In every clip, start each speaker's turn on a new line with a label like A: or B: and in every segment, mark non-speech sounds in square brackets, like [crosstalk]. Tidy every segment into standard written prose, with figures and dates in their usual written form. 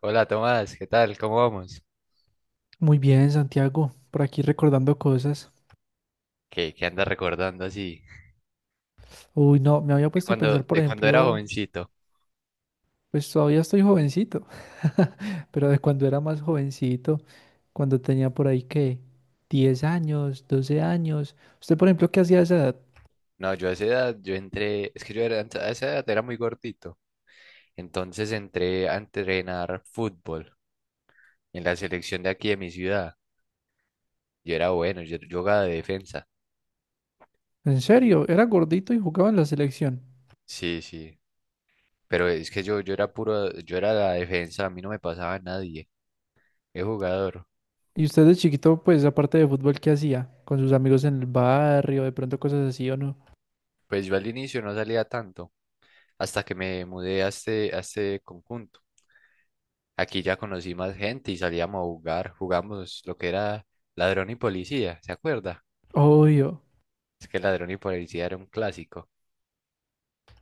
A: Hola Tomás, ¿qué tal? ¿Cómo vamos?
B: Muy bien, Santiago, por aquí recordando cosas.
A: ¿Qué andas recordando así?
B: Uy, no, me había
A: De
B: puesto a
A: cuando,
B: pensar, por
A: de cuando era
B: ejemplo,
A: jovencito.
B: pues todavía estoy jovencito, [laughs] pero de cuando era más jovencito, cuando tenía por ahí que 10 años, 12 años. Usted, por ejemplo, ¿qué hacía a esa edad?
A: No, yo a esa edad, yo entré, es que yo era, a esa edad era muy gordito. Entonces entré a entrenar fútbol en la selección de aquí de mi ciudad. Yo era bueno, yo jugaba de defensa.
B: En serio, era gordito y jugaba en la selección.
A: Sí, sí. Pero es que yo era puro, yo era la defensa, a mí no me pasaba nadie. Es jugador.
B: Y usted de chiquito, pues aparte de fútbol, ¿qué hacía? Con sus amigos en el barrio, de pronto cosas así o no.
A: Pues yo al inicio no salía tanto, hasta que me mudé a este conjunto. Aquí ya conocí más gente y salíamos a jugar. Jugamos lo que era ladrón y policía, ¿se acuerda?
B: Obvio.
A: Es que ladrón y policía era un clásico.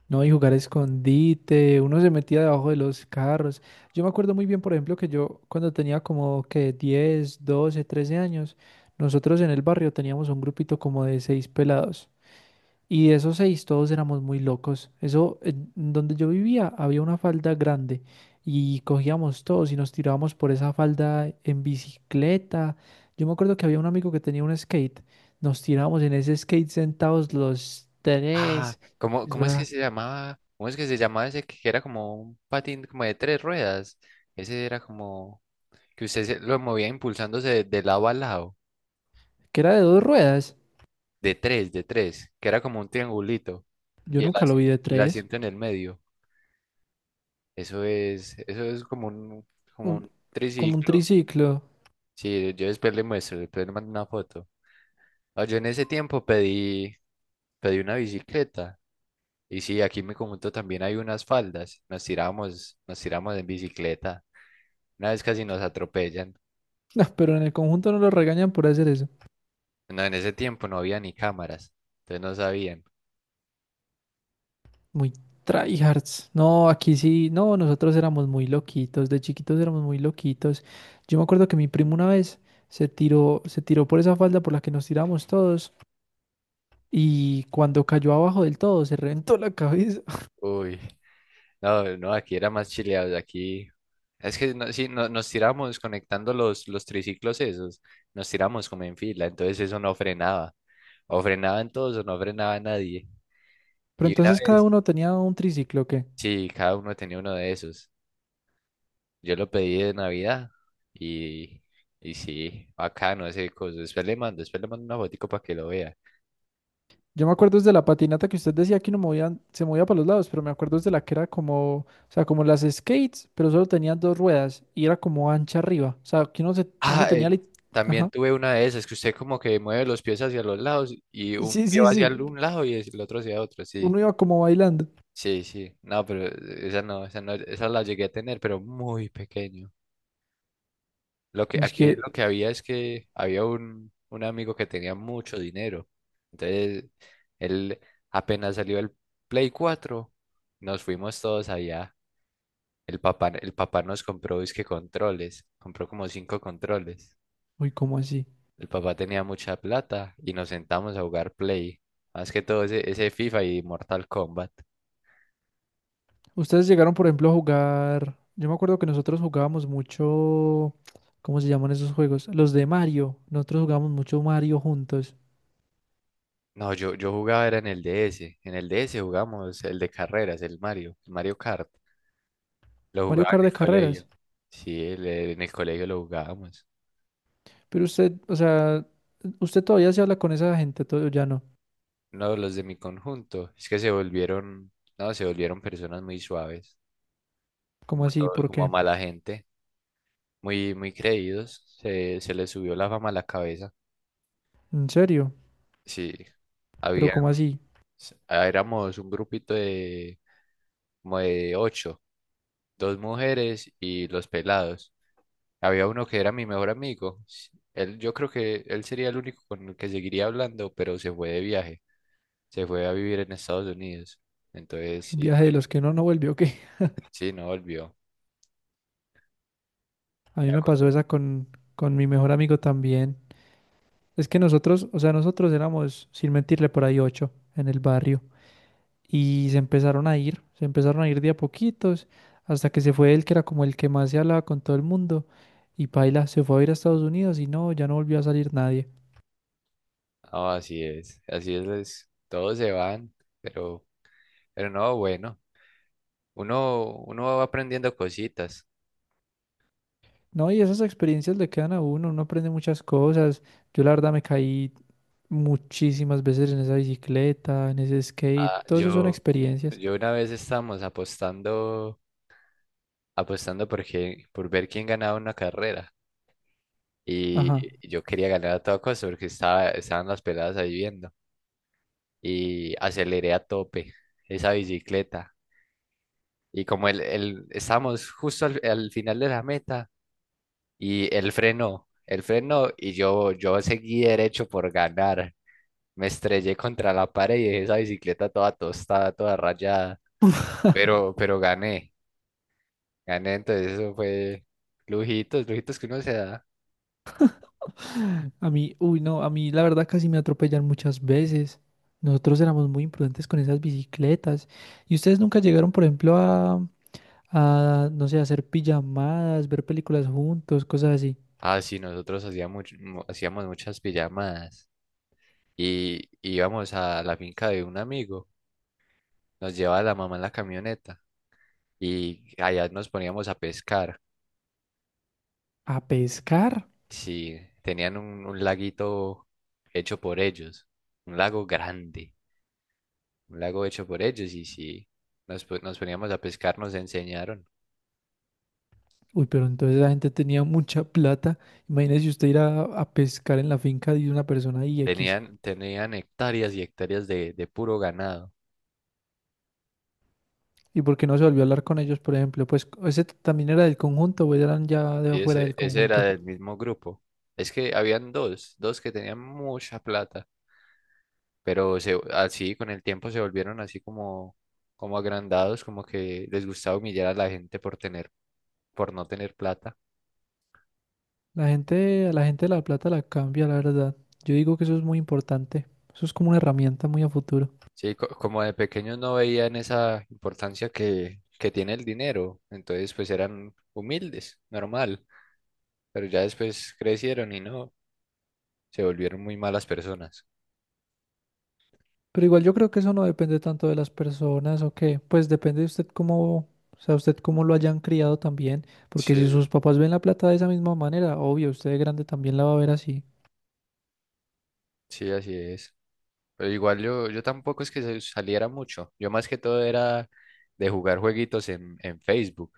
B: No, y jugar a escondite, uno se metía debajo de los carros. Yo me acuerdo muy bien, por ejemplo, que yo cuando tenía como que 10, 12, 13 años, nosotros en el barrio teníamos un grupito como de seis pelados. Y de esos seis todos éramos muy locos. Eso, en donde yo vivía había una falda grande y cogíamos todos y nos tirábamos por esa falda en bicicleta. Yo me acuerdo que había un amigo que tenía un skate. Nos tirábamos en ese skate sentados los
A: Ah,
B: tres.
A: ¿cómo,
B: Eso
A: cómo es que
B: era
A: se llamaba? ¿Cómo es que se llamaba ese que era como un patín como de tres ruedas? Ese era como que lo movía impulsándose de lado a lado,
B: que era de dos ruedas.
A: de tres, que era como un triangulito y
B: Yo nunca lo vi de
A: y el
B: tres,
A: asiento en el medio. Eso es como un, como
B: un-
A: un
B: como un
A: triciclo.
B: triciclo. [laughs]
A: Sí, yo después le muestro, después le mando una foto. Ah, yo en ese tiempo pedí una bicicleta. Y sí, aquí en mi conjunto también hay unas faldas. Nos tiramos en bicicleta. Una vez casi nos atropellan.
B: No, pero en el conjunto no lo regañan por hacer eso.
A: No, en ese tiempo no había ni cámaras. Entonces no sabían.
B: Muy tryhards. No, aquí sí, no, nosotros éramos muy loquitos, de chiquitos éramos muy loquitos. Yo me acuerdo que mi primo una vez se tiró por esa falda por la que nos tiramos todos y cuando cayó abajo del todo se reventó la cabeza. [laughs]
A: Uy, no, no, aquí era más chileados. Aquí. Es que no, sí, nos tiramos conectando los triciclos esos. Nos tiramos como en fila. Entonces eso no frenaba. O frenaban todos o no frenaba nadie.
B: Pero
A: Y una
B: entonces cada
A: vez,
B: uno tenía un triciclo, ¿o qué?
A: sí, cada uno tenía uno de esos. Yo lo pedí de Navidad y, y sí, bacano ese coso. Después le mando una fotico para que lo vea.
B: Yo me acuerdo desde la patinata que usted decía que no movían, se movía para los lados, pero me acuerdo desde la que era como, o sea, como las skates, pero solo tenían dos ruedas y era como ancha arriba. O sea, que uno, se, uno
A: Ah,
B: tenía.
A: también
B: Ajá.
A: tuve una de esas, que usted como que mueve los pies hacia los lados y un
B: Sí,
A: pie
B: sí,
A: va hacia
B: sí.
A: un lado y el otro hacia otro, sí.
B: Uno iba como bailando.
A: Sí, sí. No, pero esa no, esa no, esa la llegué a tener, pero muy pequeño. Lo que
B: Y es
A: aquí
B: que,
A: lo que había es que había un amigo que tenía mucho dinero. Entonces, él apenas salió el Play 4, nos fuimos todos allá. El papá nos compró, que controles, compró como cinco controles.
B: uy, ¿cómo así?
A: El papá tenía mucha plata y nos sentamos a jugar Play, más que todo ese FIFA y Mortal Kombat.
B: Ustedes llegaron, por ejemplo, a jugar... Yo me acuerdo que nosotros jugábamos mucho... ¿Cómo se llaman esos juegos? Los de Mario. Nosotros jugábamos mucho Mario juntos.
A: No, yo jugaba era en el DS, en el DS jugamos el de carreras, el Mario Kart. Lo
B: Mario
A: jugaba
B: Kart
A: en
B: de
A: el
B: carreras.
A: colegio, sí, en el colegio lo jugábamos.
B: Pero usted, o sea, usted todavía se habla con esa gente, todo ya no.
A: No, los de mi conjunto, es que no, se volvieron personas muy suaves, como
B: ¿Cómo así?
A: todo,
B: ¿Por
A: como
B: qué?
A: mala gente. Muy, muy creídos. Se les subió la fama a la cabeza.
B: ¿En serio?
A: Sí,
B: ¿Pero
A: había,
B: cómo así?
A: éramos un grupito de como de ocho, dos mujeres y los pelados. Había uno que era mi mejor amigo. Él, yo creo que él sería el único con el que seguiría hablando, pero se fue de viaje. Se fue a vivir en Estados Unidos. Entonces,
B: ¿Un
A: sí,
B: viaje de
A: baila.
B: los que uno no vuelve o qué?
A: Sí, no volvió.
B: [laughs] A mí
A: Me
B: me pasó
A: acuerdo.
B: esa con, mi mejor amigo también. Es que nosotros, o sea, nosotros éramos, sin mentirle, por ahí ocho en el barrio. Y se empezaron a ir de a poquitos, hasta que se fue él, que era como el que más se hablaba con todo el mundo. Y paila, se fue a ir a Estados Unidos y no, ya no volvió a salir nadie.
A: No, todos se van, pero, pero no, bueno, uno va aprendiendo cositas.
B: No, y esas experiencias le quedan a uno, uno aprende muchas cosas. Yo la verdad me caí muchísimas veces en esa bicicleta, en ese skate,
A: Ah,
B: todo eso son
A: yo,
B: experiencias.
A: yo una vez estábamos apostando por ver quién ganaba una carrera. Y
B: Ajá.
A: yo quería ganar a toda costa porque estaban las peladas ahí viendo. Y aceleré a tope esa bicicleta. Y como estábamos justo al final de la meta, y él frenó y yo seguí derecho por ganar. Me estrellé contra la pared y dejé esa bicicleta toda tostada, toda rayada. Pero gané. Gané, entonces eso fue lujitos, lujitos que uno se da.
B: A mí, uy, no, a mí la verdad casi me atropellan muchas veces. Nosotros éramos muy imprudentes con esas bicicletas. ¿Y ustedes nunca llegaron, por ejemplo, no sé, a hacer pijamadas, ver películas juntos, cosas así?
A: Ah, sí, nosotros hacíamos muchas pijamadas y íbamos a la finca de un amigo, nos llevaba la mamá en la camioneta y allá nos poníamos a pescar.
B: ¿A pescar?
A: Sí, tenían un laguito hecho por ellos, un lago grande, un lago hecho por ellos y sí, nos poníamos a pescar, nos enseñaron.
B: Uy, pero entonces la gente tenía mucha plata. Imagínese usted ir a pescar en la finca de una persona y X.
A: Tenían hectáreas y hectáreas de puro ganado.
B: ¿Y por qué no se volvió a hablar con ellos, por ejemplo? Pues ese también era del conjunto, o eran ya de
A: Y
B: afuera
A: ese,
B: del
A: ese era
B: conjunto.
A: del mismo grupo. Es que habían dos que tenían mucha plata, pero así con el tiempo se volvieron así como agrandados, como que les gustaba humillar a la gente por no tener plata.
B: La gente, a la gente de La Plata la cambia, la verdad. Yo digo que eso es muy importante. Eso es como una herramienta muy a futuro.
A: Sí, como de pequeños no veían esa importancia que tiene el dinero, entonces pues eran humildes, normal, pero ya después crecieron y no, se volvieron muy malas personas.
B: Pero igual yo creo que eso no depende tanto de las personas o qué. Pues depende de usted cómo, o sea, usted cómo lo hayan criado también. Porque si
A: Sí,
B: sus papás ven La Plata de esa misma manera, obvio, usted de grande también la va a ver así.
A: sí, así es. Pero igual yo tampoco es que saliera mucho. Yo más que todo era de jugar jueguitos en Facebook.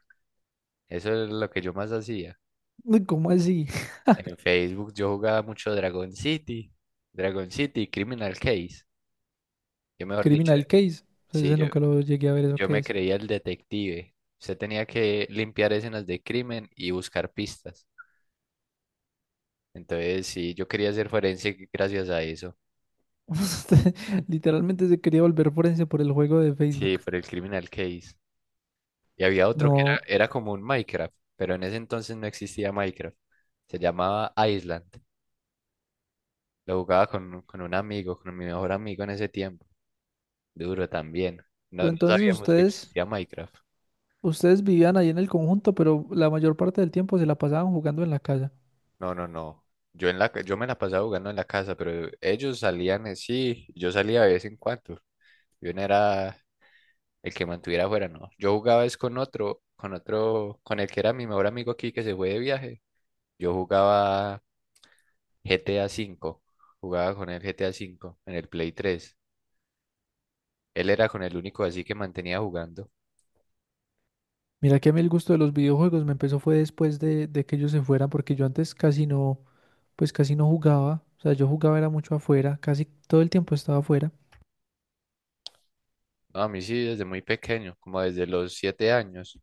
A: Eso es lo que yo más hacía.
B: Uy, ¿cómo así? [laughs]
A: En Facebook yo jugaba mucho Dragon City, Criminal Case. Yo mejor dicho,
B: Criminal Case. O sea,
A: sí,
B: ese
A: yo,
B: nunca lo llegué a ver, ¿eso
A: yo
B: qué
A: me
B: es?
A: creía el detective. Usted tenía que limpiar escenas de crimen y buscar pistas. Entonces, sí, yo quería ser forense gracias a eso.
B: [laughs] Literalmente se quería volver forense por el juego de
A: Sí,
B: Facebook.
A: por el Criminal Case. Y había otro que
B: No,
A: era como un Minecraft, pero en ese entonces no existía Minecraft. Se llamaba Island. Lo jugaba con un amigo, con mi mejor amigo en ese tiempo. Duro también. No,
B: pero
A: no
B: entonces
A: sabíamos que
B: ustedes,
A: existía Minecraft.
B: ustedes vivían ahí en el conjunto, pero la mayor parte del tiempo se la pasaban jugando en la casa.
A: No, no, no. Yo, yo me la pasaba jugando en la casa, pero ellos salían, sí, yo salía de vez en cuando. Yo no era el que mantuviera afuera, no. Yo jugaba es con otro, con el que era mi mejor amigo aquí que se fue de viaje. Yo jugaba GTA 5. Jugaba con el GTA 5 en el Play 3. Él era con el único así que mantenía jugando.
B: Mira que a mí el gusto de los videojuegos me empezó fue después de que ellos se fueran, porque yo antes casi no, pues casi no jugaba. O sea, yo jugaba era mucho afuera, casi todo el tiempo estaba afuera.
A: No, a mí sí, desde muy pequeño, como desde los 7 años,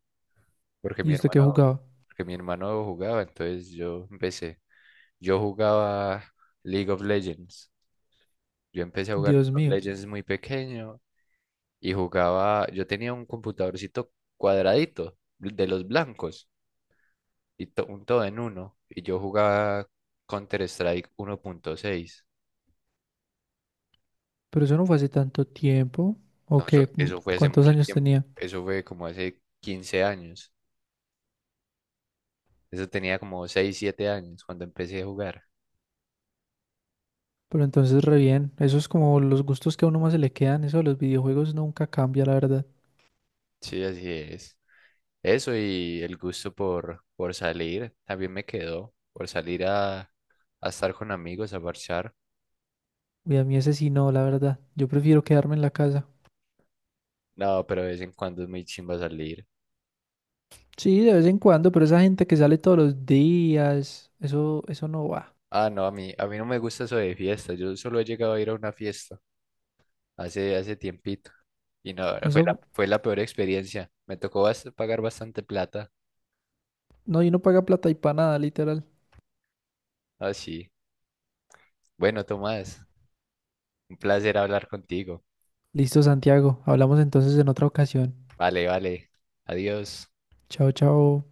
A: porque
B: ¿Y
A: mi
B: usted qué
A: hermano,
B: jugaba?
A: porque mi hermano jugaba, entonces yo empecé. Yo jugaba League of Legends. Yo empecé a jugar League
B: Dios
A: of
B: mío,
A: Legends muy pequeño y jugaba, yo tenía un computadorcito cuadradito de los blancos y un todo en uno y yo jugaba Counter-Strike 1.6.
B: pero eso no fue hace tanto tiempo. ¿O
A: No, eso,
B: qué?
A: eso fue hace
B: Cuántos
A: mucho
B: años
A: tiempo.
B: tenía?
A: Eso fue como hace 15 años. Eso tenía como 6 7 años cuando empecé a jugar.
B: Pero entonces re bien, eso es como los gustos que a uno más se le quedan, eso de los videojuegos nunca cambia, la verdad.
A: Sí, así es. Eso y el gusto por salir también me quedó. Por salir a estar con amigos, a marchar.
B: Y a mí ese sí no, la verdad. Yo prefiero quedarme en la casa.
A: No, pero de vez en cuando es muy chimba salir.
B: Sí, de vez en cuando, pero esa gente que sale todos los días, eso no va.
A: Ah, no, a mí no me gusta eso de fiesta. Yo solo he llegado a ir a una fiesta hace tiempito. Y no, fue
B: Eso,
A: la, fue la peor experiencia. Me tocó pagar bastante plata.
B: no, y no paga plata y para nada, literal.
A: Ah, sí. Bueno, Tomás. Un placer hablar contigo.
B: Listo, Santiago, hablamos entonces en otra ocasión.
A: Vale, vale. Adiós.
B: Chao, chao.